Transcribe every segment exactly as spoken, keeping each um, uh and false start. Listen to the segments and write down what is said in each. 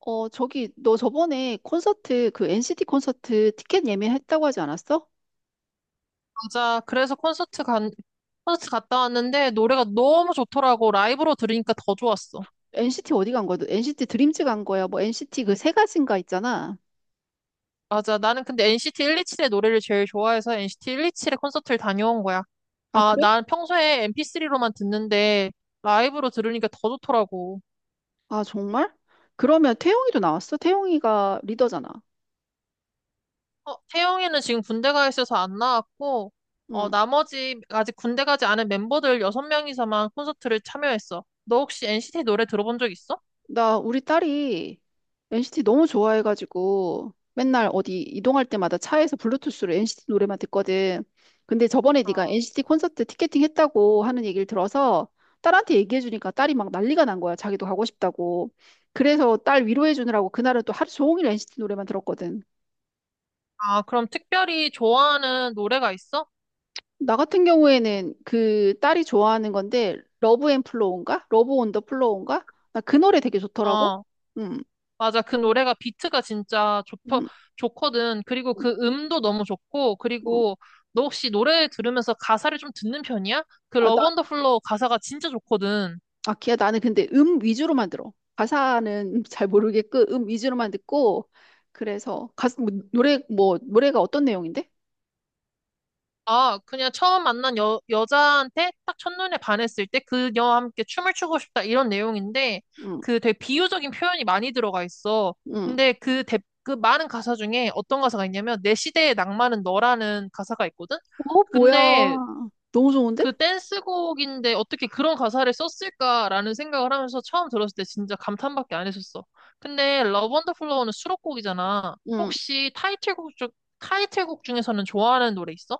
어, 저기, 너 저번에 콘서트, 그 엔시티 콘서트 티켓 예매했다고 하지 않았어? 맞아. 그래서 콘서트 간, 콘서트 갔다 왔는데 노래가 너무 좋더라고. 라이브로 들으니까 더 좋았어. NCT 어디 간 거야? 너 엔시티 드림즈 간 거야? 뭐 엔시티 그 세 가지인가 있잖아. 맞아. 나는 근데 엔씨티 일이칠의 노래를 제일 좋아해서 엔씨티 일이칠의 콘서트를 다녀온 거야. 아, 아, 그래? 난 평소에 엠피쓰리로만 듣는데 라이브로 들으니까 더 좋더라고. 아, 정말? 그러면 태용이도 나왔어? 태용이가 리더잖아. 어, 태영이는 지금 군대 가 있어서 안 나왔고, 어, 응. 나머지 아직 군대 가지 않은 멤버들 여섯 명이서만 콘서트를 참여했어. 너 혹시 엔씨티 노래 들어본 적 있어? 나 우리 딸이 엔시티 너무 좋아해가지고 맨날 어디 이동할 때마다 차에서 블루투스로 엔시티 노래만 듣거든. 근데 저번에 네가 엔시티 콘서트 티켓팅 했다고 하는 얘기를 들어서 딸한테 얘기해주니까 딸이 막 난리가 난 거야. 자기도 가고 싶다고. 그래서 딸 위로해주느라고 그날은 또 하루 종일 엔시티 노래만 들었거든. 아, 그럼 특별히 좋아하는 노래가 있어? 나 같은 경우에는 그 딸이 좋아하는 건데 러브 앤 플로우인가? 러브 온 더 플로우인가? 나 그 노래 되게 좋더라고. 어. 음, 맞아. 그 노래가 비트가 진짜 좋더, 음, 좋거든. 그리고 음. 그 음도 너무 좋고, 음. 어. 그리고 너 혹시 노래 들으면서 가사를 좀 듣는 편이야? 그 아, 러브 나 언더 플로우 가사가 진짜 좋거든. 아, 기야 나는 근데 음 위주로만 들어. 가사는 잘 모르겠고 음 위주로만 듣고 그래서 가사 뭐, 노래 뭐 노래가 어떤 내용인데? 아, 그냥 처음 만난 여, 여자한테 딱 첫눈에 반했을 때 그녀와 함께 춤을 추고 싶다 이런 내용인데 응, 그 되게 비유적인 표현이 많이 들어가 있어. 응. 근데 그, 대, 그 많은 가사 중에 어떤 가사가 있냐면 내 시대의 낭만은 너라는 가사가 있거든? 어, 뭐야. 근데 너무 좋은데? 그 댄스곡인데 어떻게 그런 가사를 썼을까라는 생각을 하면서 처음 들었을 때 진짜 감탄밖에 안 했었어. 근데 러브 언더 플로우는 수록곡이잖아. 응. 혹시 타이틀곡 중 타이틀곡 중에서는 좋아하는 노래 있어?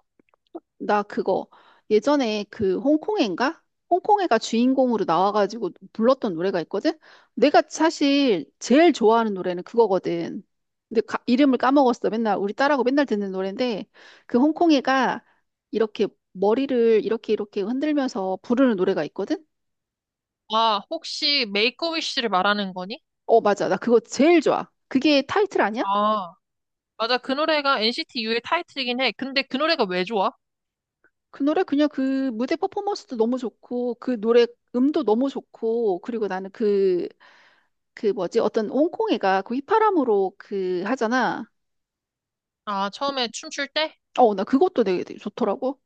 나 그거 예전에 그 홍콩애인가? 홍콩애가 주인공으로 나와가지고 불렀던 노래가 있거든? 내가 사실 제일 좋아하는 노래는 그거거든. 근데 가- 이름을 까먹었어. 맨날 우리 딸하고 맨날 듣는 노래인데 그 홍콩애가 이렇게 머리를 이렇게 이렇게 흔들면서 부르는 노래가 있거든? 아, 혹시 메이크 어 위시를 말하는 거니? 어, 맞아. 나 그거 제일 좋아. 그게 타이틀 아니야? 아, 맞아. 그 노래가 엔씨티 U의 타이틀이긴 해. 근데 그 노래가 왜 좋아? 그 노래 그냥 그 무대 퍼포먼스도 너무 좋고 그 노래 음도 너무 좋고 그리고 나는 그 그 뭐지? 어떤 옹콩이가 그 휘파람으로 그 하잖아. 아, 처음에 춤출 때? 어, 나 그것도 되게, 되게 좋더라고.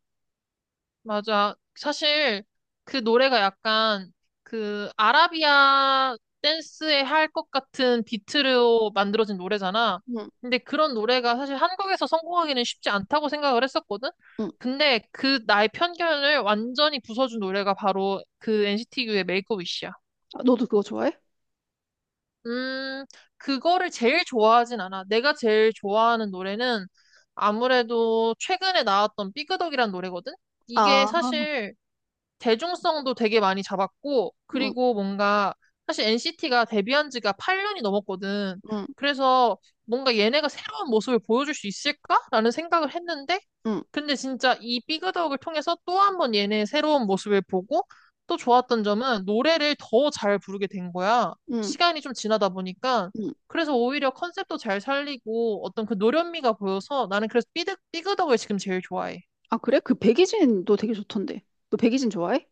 맞아. 사실 그 노래가 약간 그 아라비아 댄스에 할 것 같은 비트로 만들어진 노래잖아. 응, 근데 그런 노래가 사실 한국에서 성공하기는 쉽지 않다고 생각을 했었거든. 응. 근데 그 나의 편견을 완전히 부숴준 노래가 바로 그 엔씨티 U의 메이크업 위시야. 아, 너도 그거 좋아해? 음, 그거를 제일 좋아하진 않아. 내가 제일 좋아하는 노래는 아무래도 최근에 나왔던 삐그덕이란 노래거든? 아, 이게 사실 대중성도 되게 많이 잡았고, 응, 그리고 뭔가, 사실 엔씨티가 데뷔한 지가 팔 년이 넘었거든. 응, 그래서 뭔가 얘네가 새로운 모습을 보여줄 수 있을까라는 생각을 했는데, 응, 근데 진짜 이 삐그덕을 통해서 또 한 번 얘네의 새로운 모습을 보고, 또 좋았던 점은 노래를 더 잘 부르게 된 거야. 응, 시간이 좀 지나다 보니까. 응. 그래서 오히려 컨셉도 잘 살리고 어떤 그 노련미가 보여서 나는 그래서 삐득, 삐그덕을 지금 제일 좋아해. 아, 그래? 그 백이진도 되게 좋던데. 너 백이진 좋아해?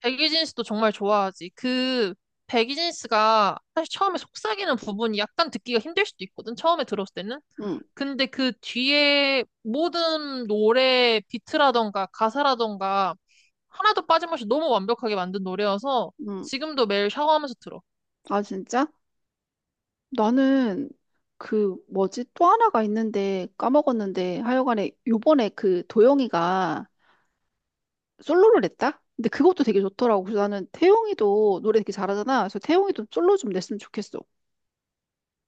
백이진 씨도 정말 좋아하지. 그 백이진 씨가 사실 처음에 속삭이는 부분이 약간 듣기가 힘들 수도 있거든. 처음에 들었을 때는. 응, 근데 그 뒤에 모든 노래 비트라던가 가사라던가 하나도 빠짐없이 너무 완벽하게 만든 노래여서 응. 지금도 매일 샤워하면서 들어. 아, 진짜? 나는 그 뭐지? 또 하나가 있는데 까먹었는데 하여간에 요번에 그 도영이가 솔로를 냈다? 근데 그것도 되게 좋더라고. 그래서 나는 태용이도 노래 되게 잘하잖아. 그래서 태용이도 솔로 좀 냈으면 좋겠어.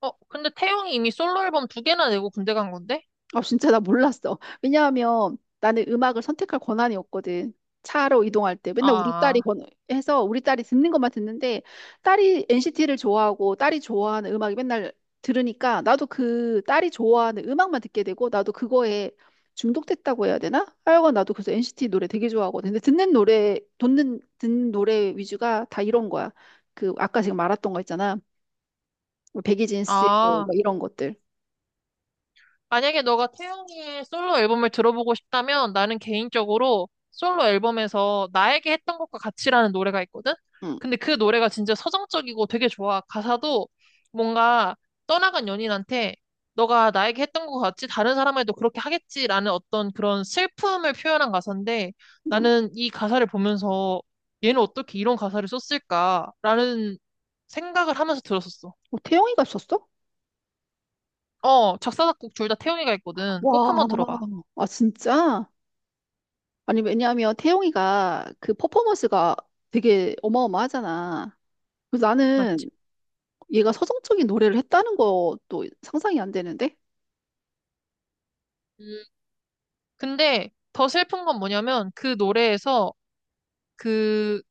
어, 근데 태용이 이미 솔로 앨범 두 개나 내고 군대 간 건데? 아, 진짜 나 몰랐어. 왜냐하면 나는 음악을 선택할 권한이 없거든. 차로 이동할 때 맨날 우리 딸이 아, 권- 해서 우리 딸이 듣는 것만 듣는데 딸이 엔시티를 좋아하고 딸이 좋아하는 음악이 맨날 들으니까 나도 그 딸이 좋아하는 음악만 듣게 되고 나도 그거에 중독됐다고 해야 되나? 하여간 나도 그래서 엔시티 노래 되게 좋아하거든. 근데 듣는 노래, 듣는, 듣는 노래 위주가 다 이런 거야. 그 아까 지금 말했던 거 있잖아. 뭐 백이진스 뭐 아. 이런 것들. 만약에 너가 태영이의 솔로 앨범을 들어보고 싶다면 나는 개인적으로 솔로 앨범에서 나에게 했던 것과 같이라는 노래가 있거든? 응. 근데 그 노래가 진짜 서정적이고 되게 좋아. 가사도 뭔가 떠나간 연인한테 너가 나에게 했던 것 같이 다른 사람에도 그렇게 하겠지라는 어떤 그런 슬픔을 표현한 가사인데 응. 나는 이 가사를 보면서 얘는 어떻게 이런 가사를 썼을까라는 생각을 하면서 들었었어. 어, 태영이가 있었어? 어, 작사, 작곡 둘 다 태영이가 있거든. 꼭 와, 한번 들어봐. 아, 진짜? 아니, 왜냐하면 태용이가 그 퍼포먼스가 되게 어마어마하잖아. 그래서 맞지? 나는 얘가 서정적인 노래를 했다는 것도 상상이 안 되는데? 음, 근데 더 슬픈 건 뭐냐면 그 노래에서 그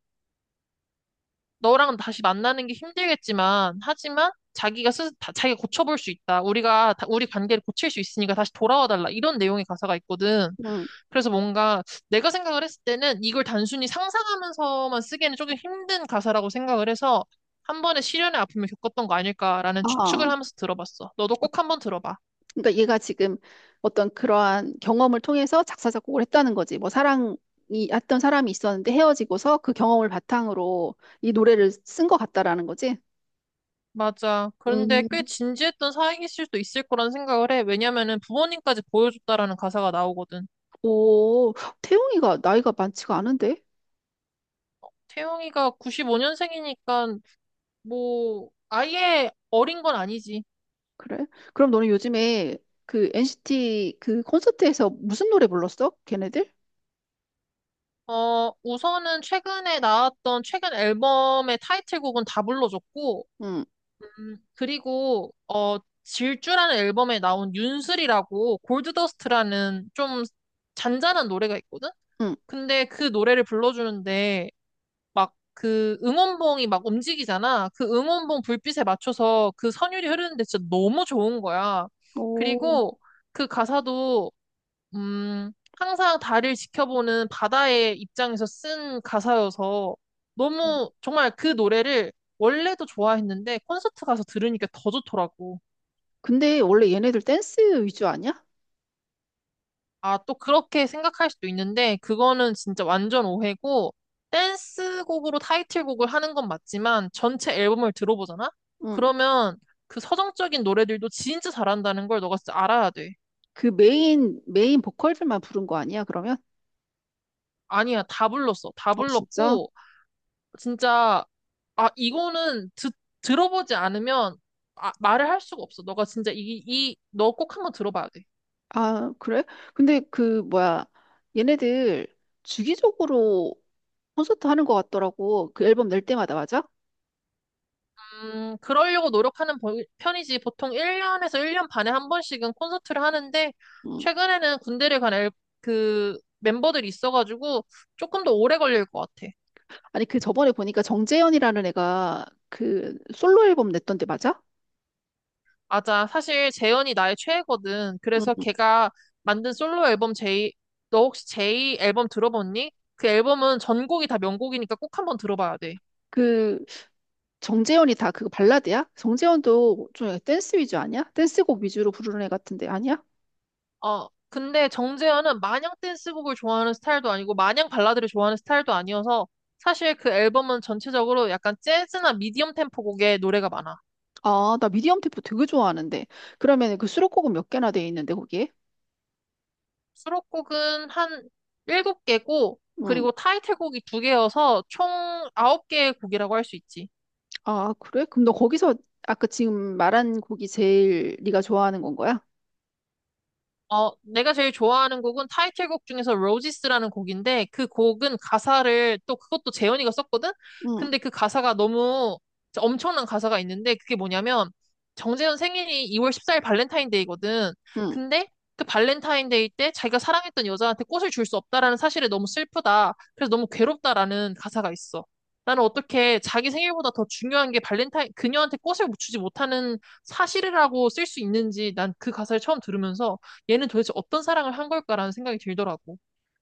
너랑 다시 만나는 게 힘들겠지만 하지만 자기가 스 다- 자기가 고쳐볼 수 있다. 우리가 다- 우리 관계를 고칠 수 있으니까 다시 돌아와 달라. 이런 내용의 가사가 있거든. 응. 그래서 뭔가 내가 생각을 했을 때는 이걸 단순히 상상하면서만 쓰기에는 조금 힘든 가사라고 생각을 해서 한 번의 시련의 아픔을 겪었던 거 아닐까라는 아, 추측을 하면서 들어봤어. 너도 꼭 한번 들어봐. 그러니까 얘가 지금 어떤 그러한 경험을 통해서 작사, 작곡을 했다는 거지. 뭐 사랑이, 했던 사람이 있었는데 헤어지고서 그 경험을 바탕으로 이 노래를 쓴 것 같다라는 거지. 맞아. 그런데 음. 꽤 진지했던 사이일 수도 있을 거란 생각을 해. 왜냐면은 부모님까지 보여줬다라는 가사가 나오거든. 오, 태용이가 나이가 많지가 않은데? 태용이가 구십오 년생이니까 뭐 아예 어린 건 아니지. 그래? 그럼 너는 요즘에 그 엔시티 그 콘서트에서 무슨 노래 불렀어? 걔네들? 어, 우선은 최근에 나왔던 최근 앨범의 타이틀곡은 다 불러줬고, 응, 음, 그리고 어, 질주라는 앨범에 나온 윤슬이라고 골드더스트라는 좀 잔잔한 노래가 있거든? 응. 근데 그 노래를 불러주는데 막 그 응원봉이 막 움직이잖아. 그 응원봉 불빛에 맞춰서 그 선율이 흐르는데 진짜 너무 좋은 거야. 오, 그리고 그 가사도 음 항상 달을 지켜보는 바다의 입장에서 쓴 가사여서 너무 정말 그 노래를 원래도 좋아했는데 콘서트 가서 들으니까 더 좋더라고. 근데 원래 얘네들 댄스 위주 아니야? 아, 또 그렇게 생각할 수도 있는데, 그거는 진짜 완전 오해고, 댄스곡으로 타이틀곡을 하는 건 맞지만, 전체 앨범을 들어보잖아? 응. 그러면 그 서정적인 노래들도 진짜 잘한다는 걸 너가 진짜 알아야 돼. 그 메인, 메인 보컬들만 부른 거 아니야, 그러면? 아니야, 다 불렀어. 다 아, 진짜? 불렀고, 진짜, 아, 이거는 듣, 들어보지 않으면, 아, 말을 할 수가 없어. 너가 진짜 이, 이, 너 꼭 한번 들어봐야 돼. 아, 그래? 근데 그, 뭐야, 얘네들 주기적으로 콘서트 하는 것 같더라고. 그 앨범 낼 때마다, 맞아? 음, 그러려고 노력하는 보- 편이지. 보통 일 년에서 일 년 반에 한 번씩은 콘서트를 하는데, 응. 최근에는 군대를 간 앨, 그 멤버들이 있어가지고 조금 더 오래 걸릴 것 같아. 아니, 그 저번에 보니까 정재현이라는 애가 그 솔로 앨범 냈던데, 맞아? 맞아. 사실 재현이 나의 최애거든. 그래서 응. 걔가 만든 솔로 앨범 제이. 너 혹시 제이 앨범 들어봤니? 그 앨범은 전곡이 다 명곡이니까 꼭 한번 들어봐야 돼. 그 정재현이 다 그거 발라드야? 정재현도 좀 약간 댄스 위주 아니야? 댄스곡 위주로 부르는 애 같은데 아니야? 어, 근데 정재현은 마냥 댄스곡을 좋아하는 스타일도 아니고 마냥 발라드를 좋아하는 스타일도 아니어서 사실 그 앨범은 전체적으로 약간 재즈나 미디엄 템포 곡의 노래가 많아. 아, 나 미디엄 템포 되게 좋아하는데. 그러면 그 수록곡은 몇 개나 돼 있는데 거기에? 수록곡은 한 일곱 개고 응. 그리고 타이틀곡이 두 개여서 총 아홉 개의 곡이라고 할 수 있지. 아, 그래? 그럼 너 거기서 아까 지금 말한 곡이 제일 네가 좋아하는 건 거야? 어, 내가 제일 좋아하는 곡은 타이틀곡 중에서 로지스라는 곡인데 그 곡은 가사를 또 그것도 재현이가 썼거든? 응. 근데 그 가사가 너무 엄청난 가사가 있는데 그게 뭐냐면 정재현 생일이 이월 십사 일 발렌타인데이거든. 응. 근데 그 발렌타인데이 때 자기가 사랑했던 여자한테 꽃을 줄 수 없다라는 사실에 너무 슬프다. 그래서 너무 괴롭다라는 가사가 있어. 나는 어떻게 자기 생일보다 더 중요한 게 발렌타인, 그녀한테 꽃을 주지 못하는 사실이라고 쓸 수 있는지 난 그 가사를 처음 들으면서 얘는 도대체 어떤 사랑을 한 걸까라는 생각이 들더라고.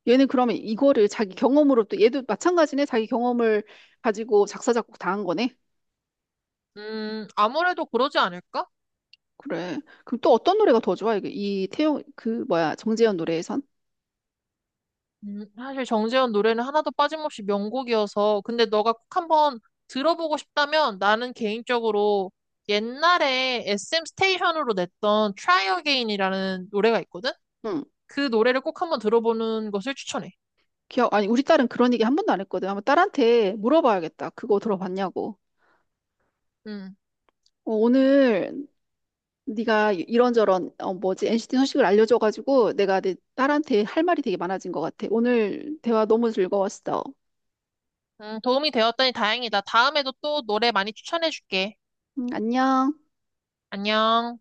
얘는 그러면 이거를 자기 경험으로 또 얘도 마찬가지네. 자기 경험을 가지고 작사 작곡 다 한 거네. 음, 아무래도 그러지 않을까? 그래. 그럼 또 어떤 노래가 더 좋아? 이게 이 태용 그 뭐야 정재현 노래에선? 음, 사실 정재현 노래는 하나도 빠짐없이 명곡이어서, 근데 너가 꼭 한번 들어보고 싶다면 나는 개인적으로 옛날에 에스엠 스테이션으로 냈던 Try Again이라는 노래가 있거든? 응. 그 노래를 꼭 한번 들어보는 것을 추천해. 기억, 아니, 우리 딸은 그런 얘기 한 번도 안 했거든. 아마 딸한테 물어봐야겠다. 그거 들어봤냐고. 음, 어, 오늘 네가 이런저런, 어, 뭐지, 엔시티 소식을 알려줘가지고 내가 내 딸한테 할 말이 되게 많아진 것 같아. 오늘 대화 너무 즐거웠어. 음, 도움이 되었다니 다행이다. 다음에도 또 노래 많이 추천해줄게. 음, 안녕. 안녕.